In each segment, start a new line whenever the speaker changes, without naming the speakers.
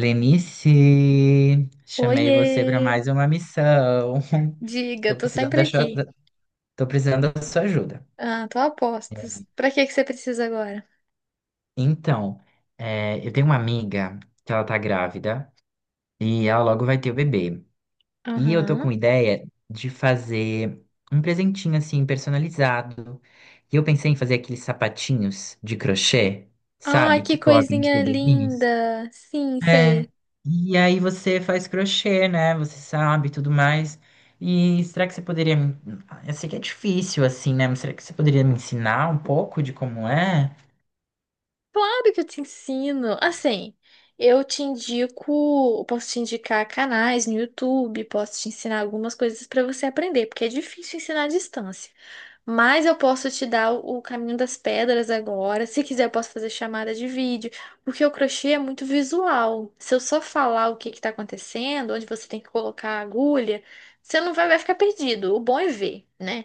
Lenice, chamei
Oiê!
você para mais uma missão.
Diga,
Tô
tô
precisando
sempre
da sua,
aqui.
tô precisando da sua ajuda.
Ah, tô a postos. Pra que que você precisa agora?
Então, eu tenho uma amiga que ela tá grávida e ela logo vai ter o bebê. E eu tô com
Aham.
ideia de fazer um presentinho assim personalizado. E eu pensei em fazer aqueles sapatinhos de crochê,
Ai,
sabe,
que
que colocam nos
coisinha
bebezinhos.
linda! Sim,
É,
sei.
e aí você faz crochê, né? Você sabe, e tudo mais. E será que você poderia me... Eu sei que é difícil, assim, né? Mas será que você poderia me ensinar um pouco de como é?
Claro que eu te ensino. Assim, eu te indico, posso te indicar canais no YouTube, posso te ensinar algumas coisas para você aprender, porque é difícil ensinar à distância. Mas eu posso te dar o caminho das pedras agora. Se quiser, eu posso fazer chamada de vídeo, porque o crochê é muito visual. Se eu só falar o que está acontecendo, onde você tem que colocar a agulha, você não vai, vai ficar perdido. O bom é ver, né?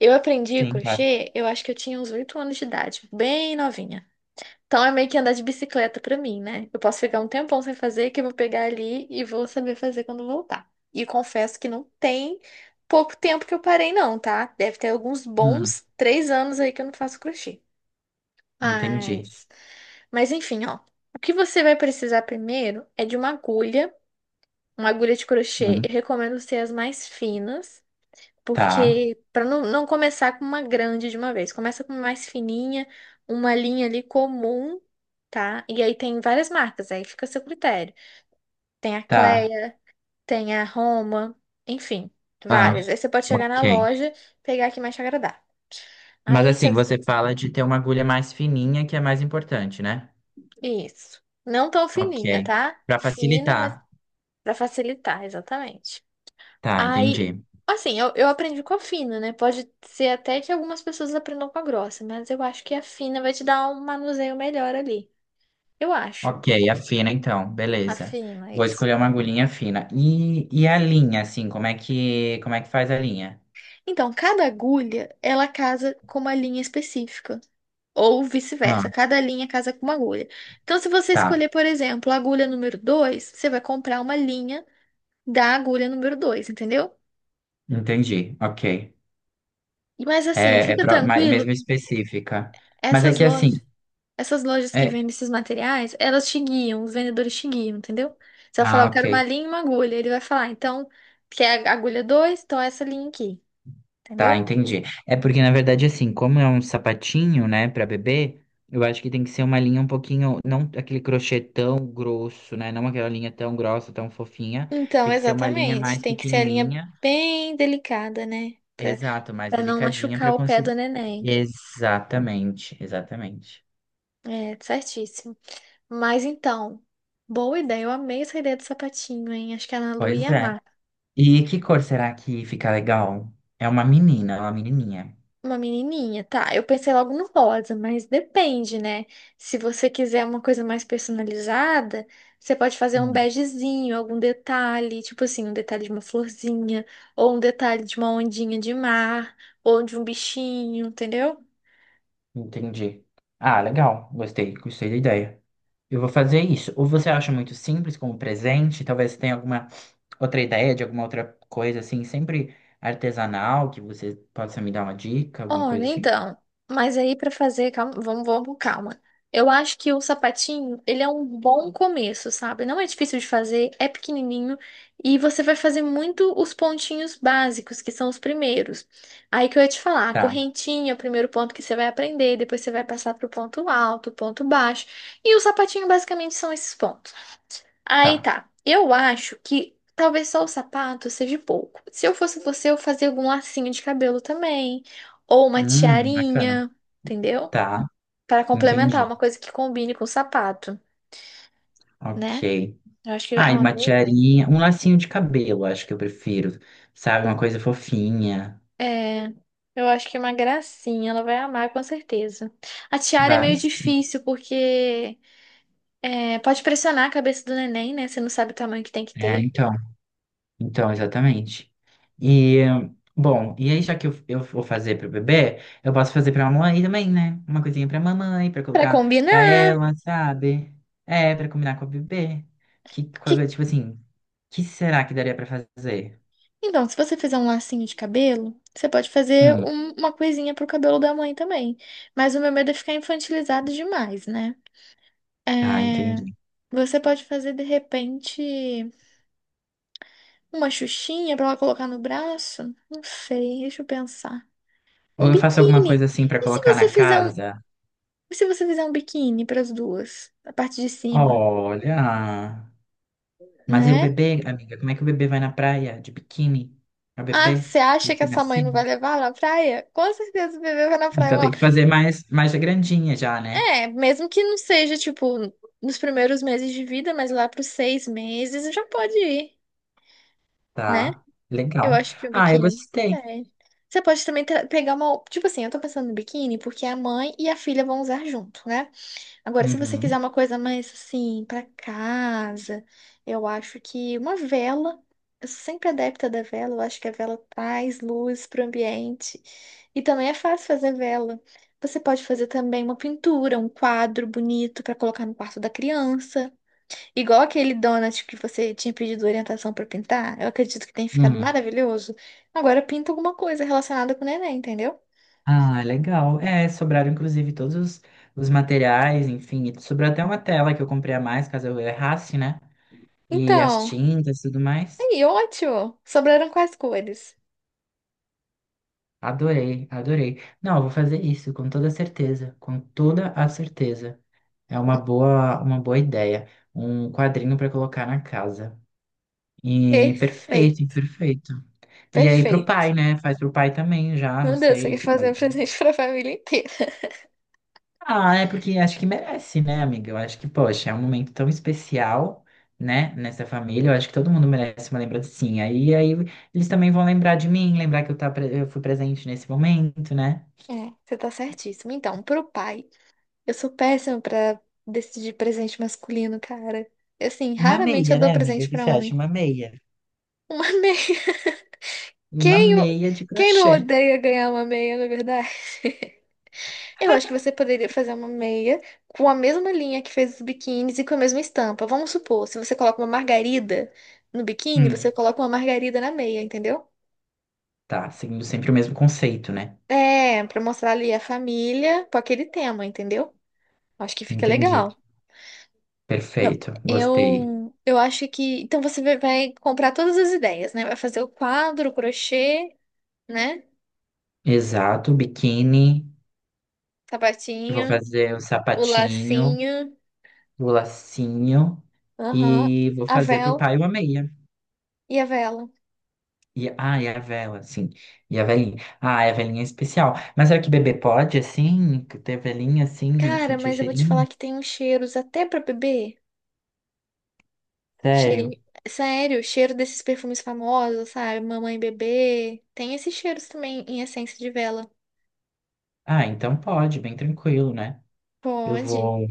Eu aprendi
Sim, claro.
crochê, eu acho que eu tinha uns 8 anos de idade, bem novinha. Então é meio que andar de bicicleta pra mim, né? Eu posso ficar um tempão sem fazer, que eu vou pegar ali e vou saber fazer quando voltar. E confesso que não tem pouco tempo que eu parei, não, tá? Deve ter alguns
Hum,
bons 3 anos aí que eu não faço crochê.
entendi.
Mas, mas enfim, ó. O que você vai precisar primeiro é de uma agulha de crochê.
Hum,
Eu recomendo ser as mais finas.
tá,
Porque para não começar com uma grande de uma vez, começa com uma mais fininha, uma linha ali comum, tá? E aí tem várias marcas, aí fica a seu critério. Tem a
tá.
Cleia, tem a Roma, enfim,
Ah,
várias. Aí você pode chegar na
ok.
loja, pegar a que mais te agradar.
Mas
Aí
assim,
você.
você fala de ter uma agulha mais fininha, que é mais importante, né?
Isso. Não tão
Ok.
fininha, tá?
Pra
Fina, mas
facilitar.
para facilitar, exatamente.
Tá,
Aí,
entendi.
assim, eu aprendi com a fina, né? Pode ser até que algumas pessoas aprendam com a grossa, mas eu acho que a fina vai te dar um manuseio melhor ali. Eu acho.
Ok, a fina então,
A
beleza.
fina,
Vou
isso.
escolher uma agulhinha fina. E a linha, assim, como é que faz a linha?
Então, cada agulha, ela casa com uma linha específica. Ou
Ah,
vice-versa, cada linha casa com uma agulha. Então, se você
tá,
escolher, por exemplo, a agulha número 2, você vai comprar uma linha da agulha número 2, entendeu?
entendi, ok.
Mas assim,
É, é
fica
pro- ma-
tranquilo,
mesmo específica. Mas é
essas
que assim,
lojas. Essas lojas que
é...
vendem esses materiais, elas te guiam, os vendedores te guiam, entendeu? Você vai falar,
Ah,
eu quero uma
ok,
linha e uma agulha. Ele vai falar, então, quer a agulha dois? Então, essa linha aqui,
tá,
entendeu?
entendi. É porque, na verdade, assim, como é um sapatinho, né, pra bebê, eu acho que tem que ser uma linha um pouquinho, não aquele crochê tão grosso, né, não aquela linha tão grossa, tão fofinha,
Então,
tem que ser uma linha
exatamente.
mais
Tem que ser a linha
pequenininha.
bem delicada, né?
Exato, mais
Pra não
delicadinha para
machucar o pé
conseguir.
do neném.
Exatamente, exatamente.
É, certíssimo. Mas então, boa ideia. Eu amei essa ideia do sapatinho, hein? Acho que a Ana Lu
Pois
ia
é.
amar.
E que cor será que fica legal? É uma menina, é uma menininha.
Uma menininha, tá. Eu pensei logo no rosa, mas depende, né? Se você quiser uma coisa mais personalizada, você pode fazer um
Hum,
begezinho, algum detalhe, tipo assim, um detalhe de uma florzinha, ou um detalhe de uma ondinha de mar, ou de um bichinho, entendeu?
entendi. Ah, legal. Gostei, gostei da ideia. Eu vou fazer isso. Ou você acha muito simples como presente? Talvez tenha alguma outra ideia de alguma outra coisa assim, sempre artesanal, que você possa me dar uma dica, alguma
Olha,
coisa assim?
então, mas aí para fazer, calma, vamos com calma. Eu acho que o sapatinho, ele é um bom começo, sabe? Não é difícil de fazer, é pequenininho e você vai fazer muito os pontinhos básicos, que são os primeiros. Aí que eu ia te falar, a
Tá,
correntinha é o primeiro ponto que você vai aprender, depois você vai passar pro ponto alto, ponto baixo, e o sapatinho basicamente são esses pontos. Aí
tá.
tá. Eu acho que talvez só o sapato seja pouco. Se eu fosse você, eu fazia algum lacinho de cabelo também. Ou uma
Bacana.
tiarinha, entendeu?
Tá,
Para complementar,
entendi.
uma coisa que combine com o sapato, né?
Ok.
Eu acho que é
Ah, e
uma
uma
boa ideia.
tiarinha, um lacinho de cabelo, acho que eu prefiro, sabe? Uma coisa fofinha.
É, eu acho que é uma gracinha, ela vai amar com certeza. A tiara é
Vai,
meio
sim.
difícil porque pode pressionar a cabeça do neném, né? Você não sabe o tamanho que tem que
É,
ter.
então, então, exatamente. E, bom, e aí já que eu vou fazer pro bebê, eu posso fazer pra mamãe também, né? Uma coisinha pra mamãe, pra
Pra
colocar pra
combinar. O
ela, sabe? É, pra combinar com o bebê. Que,
que?
coisa, tipo assim, que será que daria pra fazer?
Então, se você fizer um lacinho de cabelo, você pode fazer
Hum,
uma coisinha pro cabelo da mãe também. Mas o meu medo é ficar infantilizado demais, né?
tá,
É.
entendi.
Você pode fazer, de repente, uma xuxinha pra ela colocar no braço? Não sei, deixa eu pensar.
Ou
Um
eu faço alguma coisa
biquíni.
assim pra
E se
colocar
você
na
fizer um,
casa?
e se você fizer um biquíni para as duas, a parte de cima,
Olha. Mas e o
né?
bebê, amiga? Como é que o bebê vai na praia de biquíni? É o
Ah,
bebê
você acha que essa mãe não vai
recém-nascido?
levar na praia? Com certeza o bebê vai na
Então tem
praia.
que fazer mais, mais grandinha já, né?
É, mesmo que não seja, tipo, nos primeiros meses de vida, mas lá para os 6 meses já pode ir, né?
Tá,
Eu
legal.
acho que o
Ah, eu
biquíni.
gostei.
É. Você pode também pegar uma. Tipo assim, eu tô pensando no biquíni porque a mãe e a filha vão usar junto, né? Agora, se você
Uhum.
quiser uma coisa mais assim, pra casa, eu acho que uma vela, eu sou sempre adepta da vela, eu acho que a vela traz luz pro ambiente. E também é fácil fazer vela. Você pode fazer também uma pintura, um quadro bonito pra colocar no quarto da criança. Igual aquele donut que você tinha pedido orientação pra pintar, eu acredito que tenha ficado
Hum.
maravilhoso. Agora pinta alguma coisa relacionada com o neném, entendeu?
Ah, legal. É, sobraram inclusive os materiais, enfim. E sobrou até uma tela que eu comprei a mais, caso eu errasse, né? E as
Então,
tintas e tudo mais.
aí, ótimo! Sobraram quais cores?
Adorei, adorei. Não, eu vou fazer isso com toda certeza, com toda a certeza. É uma boa ideia. Um quadrinho para colocar na casa. E perfeito,
Perfeito,
perfeito. E aí pro
perfeito.
pai, né? Faz pro pai também já, não
Meu Deus, você
sei,
quer
esse
fazer um
quadrinho.
presente para a família inteira.
Ah, é porque acho que merece, né, amiga? Eu acho que, poxa, é um momento tão especial, né, nessa família. Eu acho que todo mundo merece uma lembrancinha. E aí eles também vão lembrar de mim, lembrar que eu, tá, eu fui presente nesse momento, né?
É, você tá certíssimo. Então, pro pai, eu sou péssima pra decidir presente masculino, cara. Assim,
Uma
raramente eu
meia,
dou
né, amiga?
presente
O que
pra
você
homem.
acha? Uma meia.
Uma meia.
Uma
Quem, o-
meia de
quem não
crochê.
odeia ganhar uma meia, na verdade? Eu acho que você poderia fazer uma meia com a mesma linha que fez os biquínis e com a mesma estampa. Vamos supor, se você coloca uma margarida no biquíni,
Hum,
você coloca uma margarida na meia, entendeu?
tá, seguindo sempre o mesmo conceito, né?
É, pra mostrar ali a família com aquele tema, entendeu? Acho que fica
Entendi.
legal. Eu,
Perfeito. Gostei.
eu acho que. Então você vai comprar todas as ideias, né? Vai fazer o quadro, o crochê, né?
Exato, biquíni. Vou
Sapatinho,
fazer o
o
sapatinho,
lacinho,
o lacinho
aham,
e vou
a
fazer pro
vela
pai uma meia.
e a vela.
E, ah, e a vela, sim. E a velhinha. Ah, a velhinha é especial. Mas será que bebê pode, assim, ter velhinha assim,
Cara,
sentir o
mas eu vou te
cheirinho?
falar que tem uns cheiros até pra bebê. Cheirinho.
Sério?
Sério, cheiro desses perfumes famosos, sabe? Mamãe e bebê. Tem esses cheiros também em essência de vela.
Ah, então pode, bem tranquilo, né? Eu
Pode.
vou.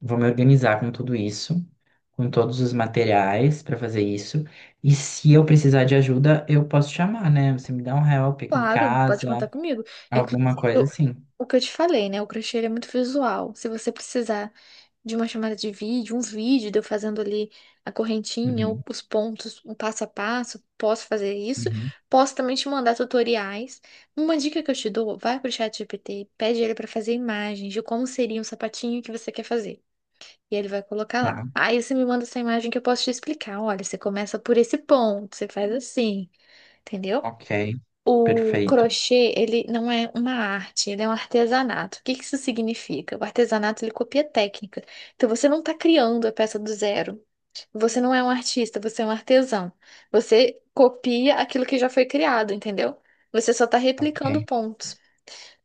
Vou me organizar com tudo isso, com todos os materiais para fazer isso. E se eu precisar de ajuda, eu posso chamar, né? Você me dá um help aqui em
Claro, pode
casa,
contar comigo.
alguma
Inclusive,
coisa assim.
o que eu te falei, né? O crochê ele é muito visual. Se você precisar de uma chamada de vídeo, uns vídeos de eu fazendo ali a correntinha,
Uhum,
os pontos, um passo a passo, posso fazer isso.
uhum,
Posso também te mandar tutoriais. Uma dica que eu te dou, vai pro ChatGPT, pede ele para fazer imagens de como seria um sapatinho que você quer fazer. E ele vai colocar
tá,
lá. Aí você me manda essa imagem que eu posso te explicar. Olha, você começa por esse ponto, você faz assim, entendeu?
ok,
O
perfeito,
crochê, ele não é uma arte, ele é um artesanato. O que que isso significa? O artesanato, ele copia técnica. Então, você não está criando a peça do zero. Você não é um artista, você é um artesão. Você copia aquilo que já foi criado, entendeu? Você só está replicando
ok,
pontos.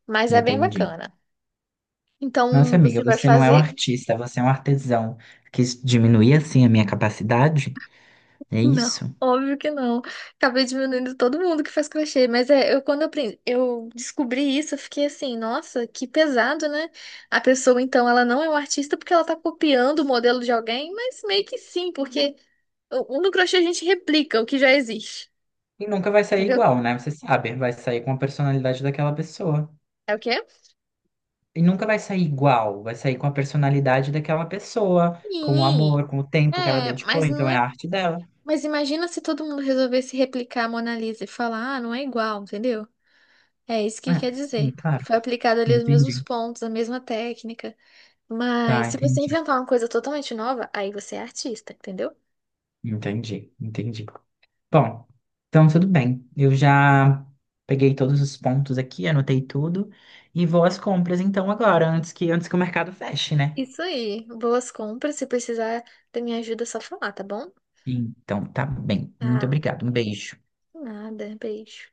Mas é bem
entendi.
bacana.
Nossa,
Então, você
amiga,
vai
você não é um
fazer.
artista, você é um artesão. Quis diminuir assim a minha capacidade? É
Não,
isso?
óbvio que não. Acabei diminuindo todo mundo que faz crochê, mas é, eu descobri isso, eu fiquei assim, nossa, que pesado, né? A pessoa, então, ela não é um artista porque ela tá copiando o modelo de alguém, mas meio que sim, porque o no crochê a gente replica o que já existe,
E nunca vai sair
entendeu?
igual, né? Você sabe, vai sair com a personalidade daquela pessoa.
É o quê é?
E nunca vai sair igual, vai sair com a personalidade daquela pessoa, com o
Sim.
amor, com o tempo que ela
É,
dedicou,
mas não
então é a
é.
arte dela.
Mas imagina se todo mundo resolvesse replicar a Mona Lisa e falar, ah, não é igual, entendeu? É isso que
É,
quer
sim,
dizer.
claro.
Foi aplicado ali os mesmos
Entendi.
pontos, a mesma técnica.
Tá,
Mas se você
entendi.
inventar uma coisa totalmente nova, aí você é artista, entendeu?
Entendi, entendi. Bom, então tudo bem. Eu já peguei todos os pontos aqui, anotei tudo e vou às compras então agora, antes que o mercado feche, né?
Isso aí. Boas compras. Se precisar da minha ajuda, é só falar, tá bom?
Então tá bem. Muito
Tá.
obrigado. Um beijo.
Nada. Beijo.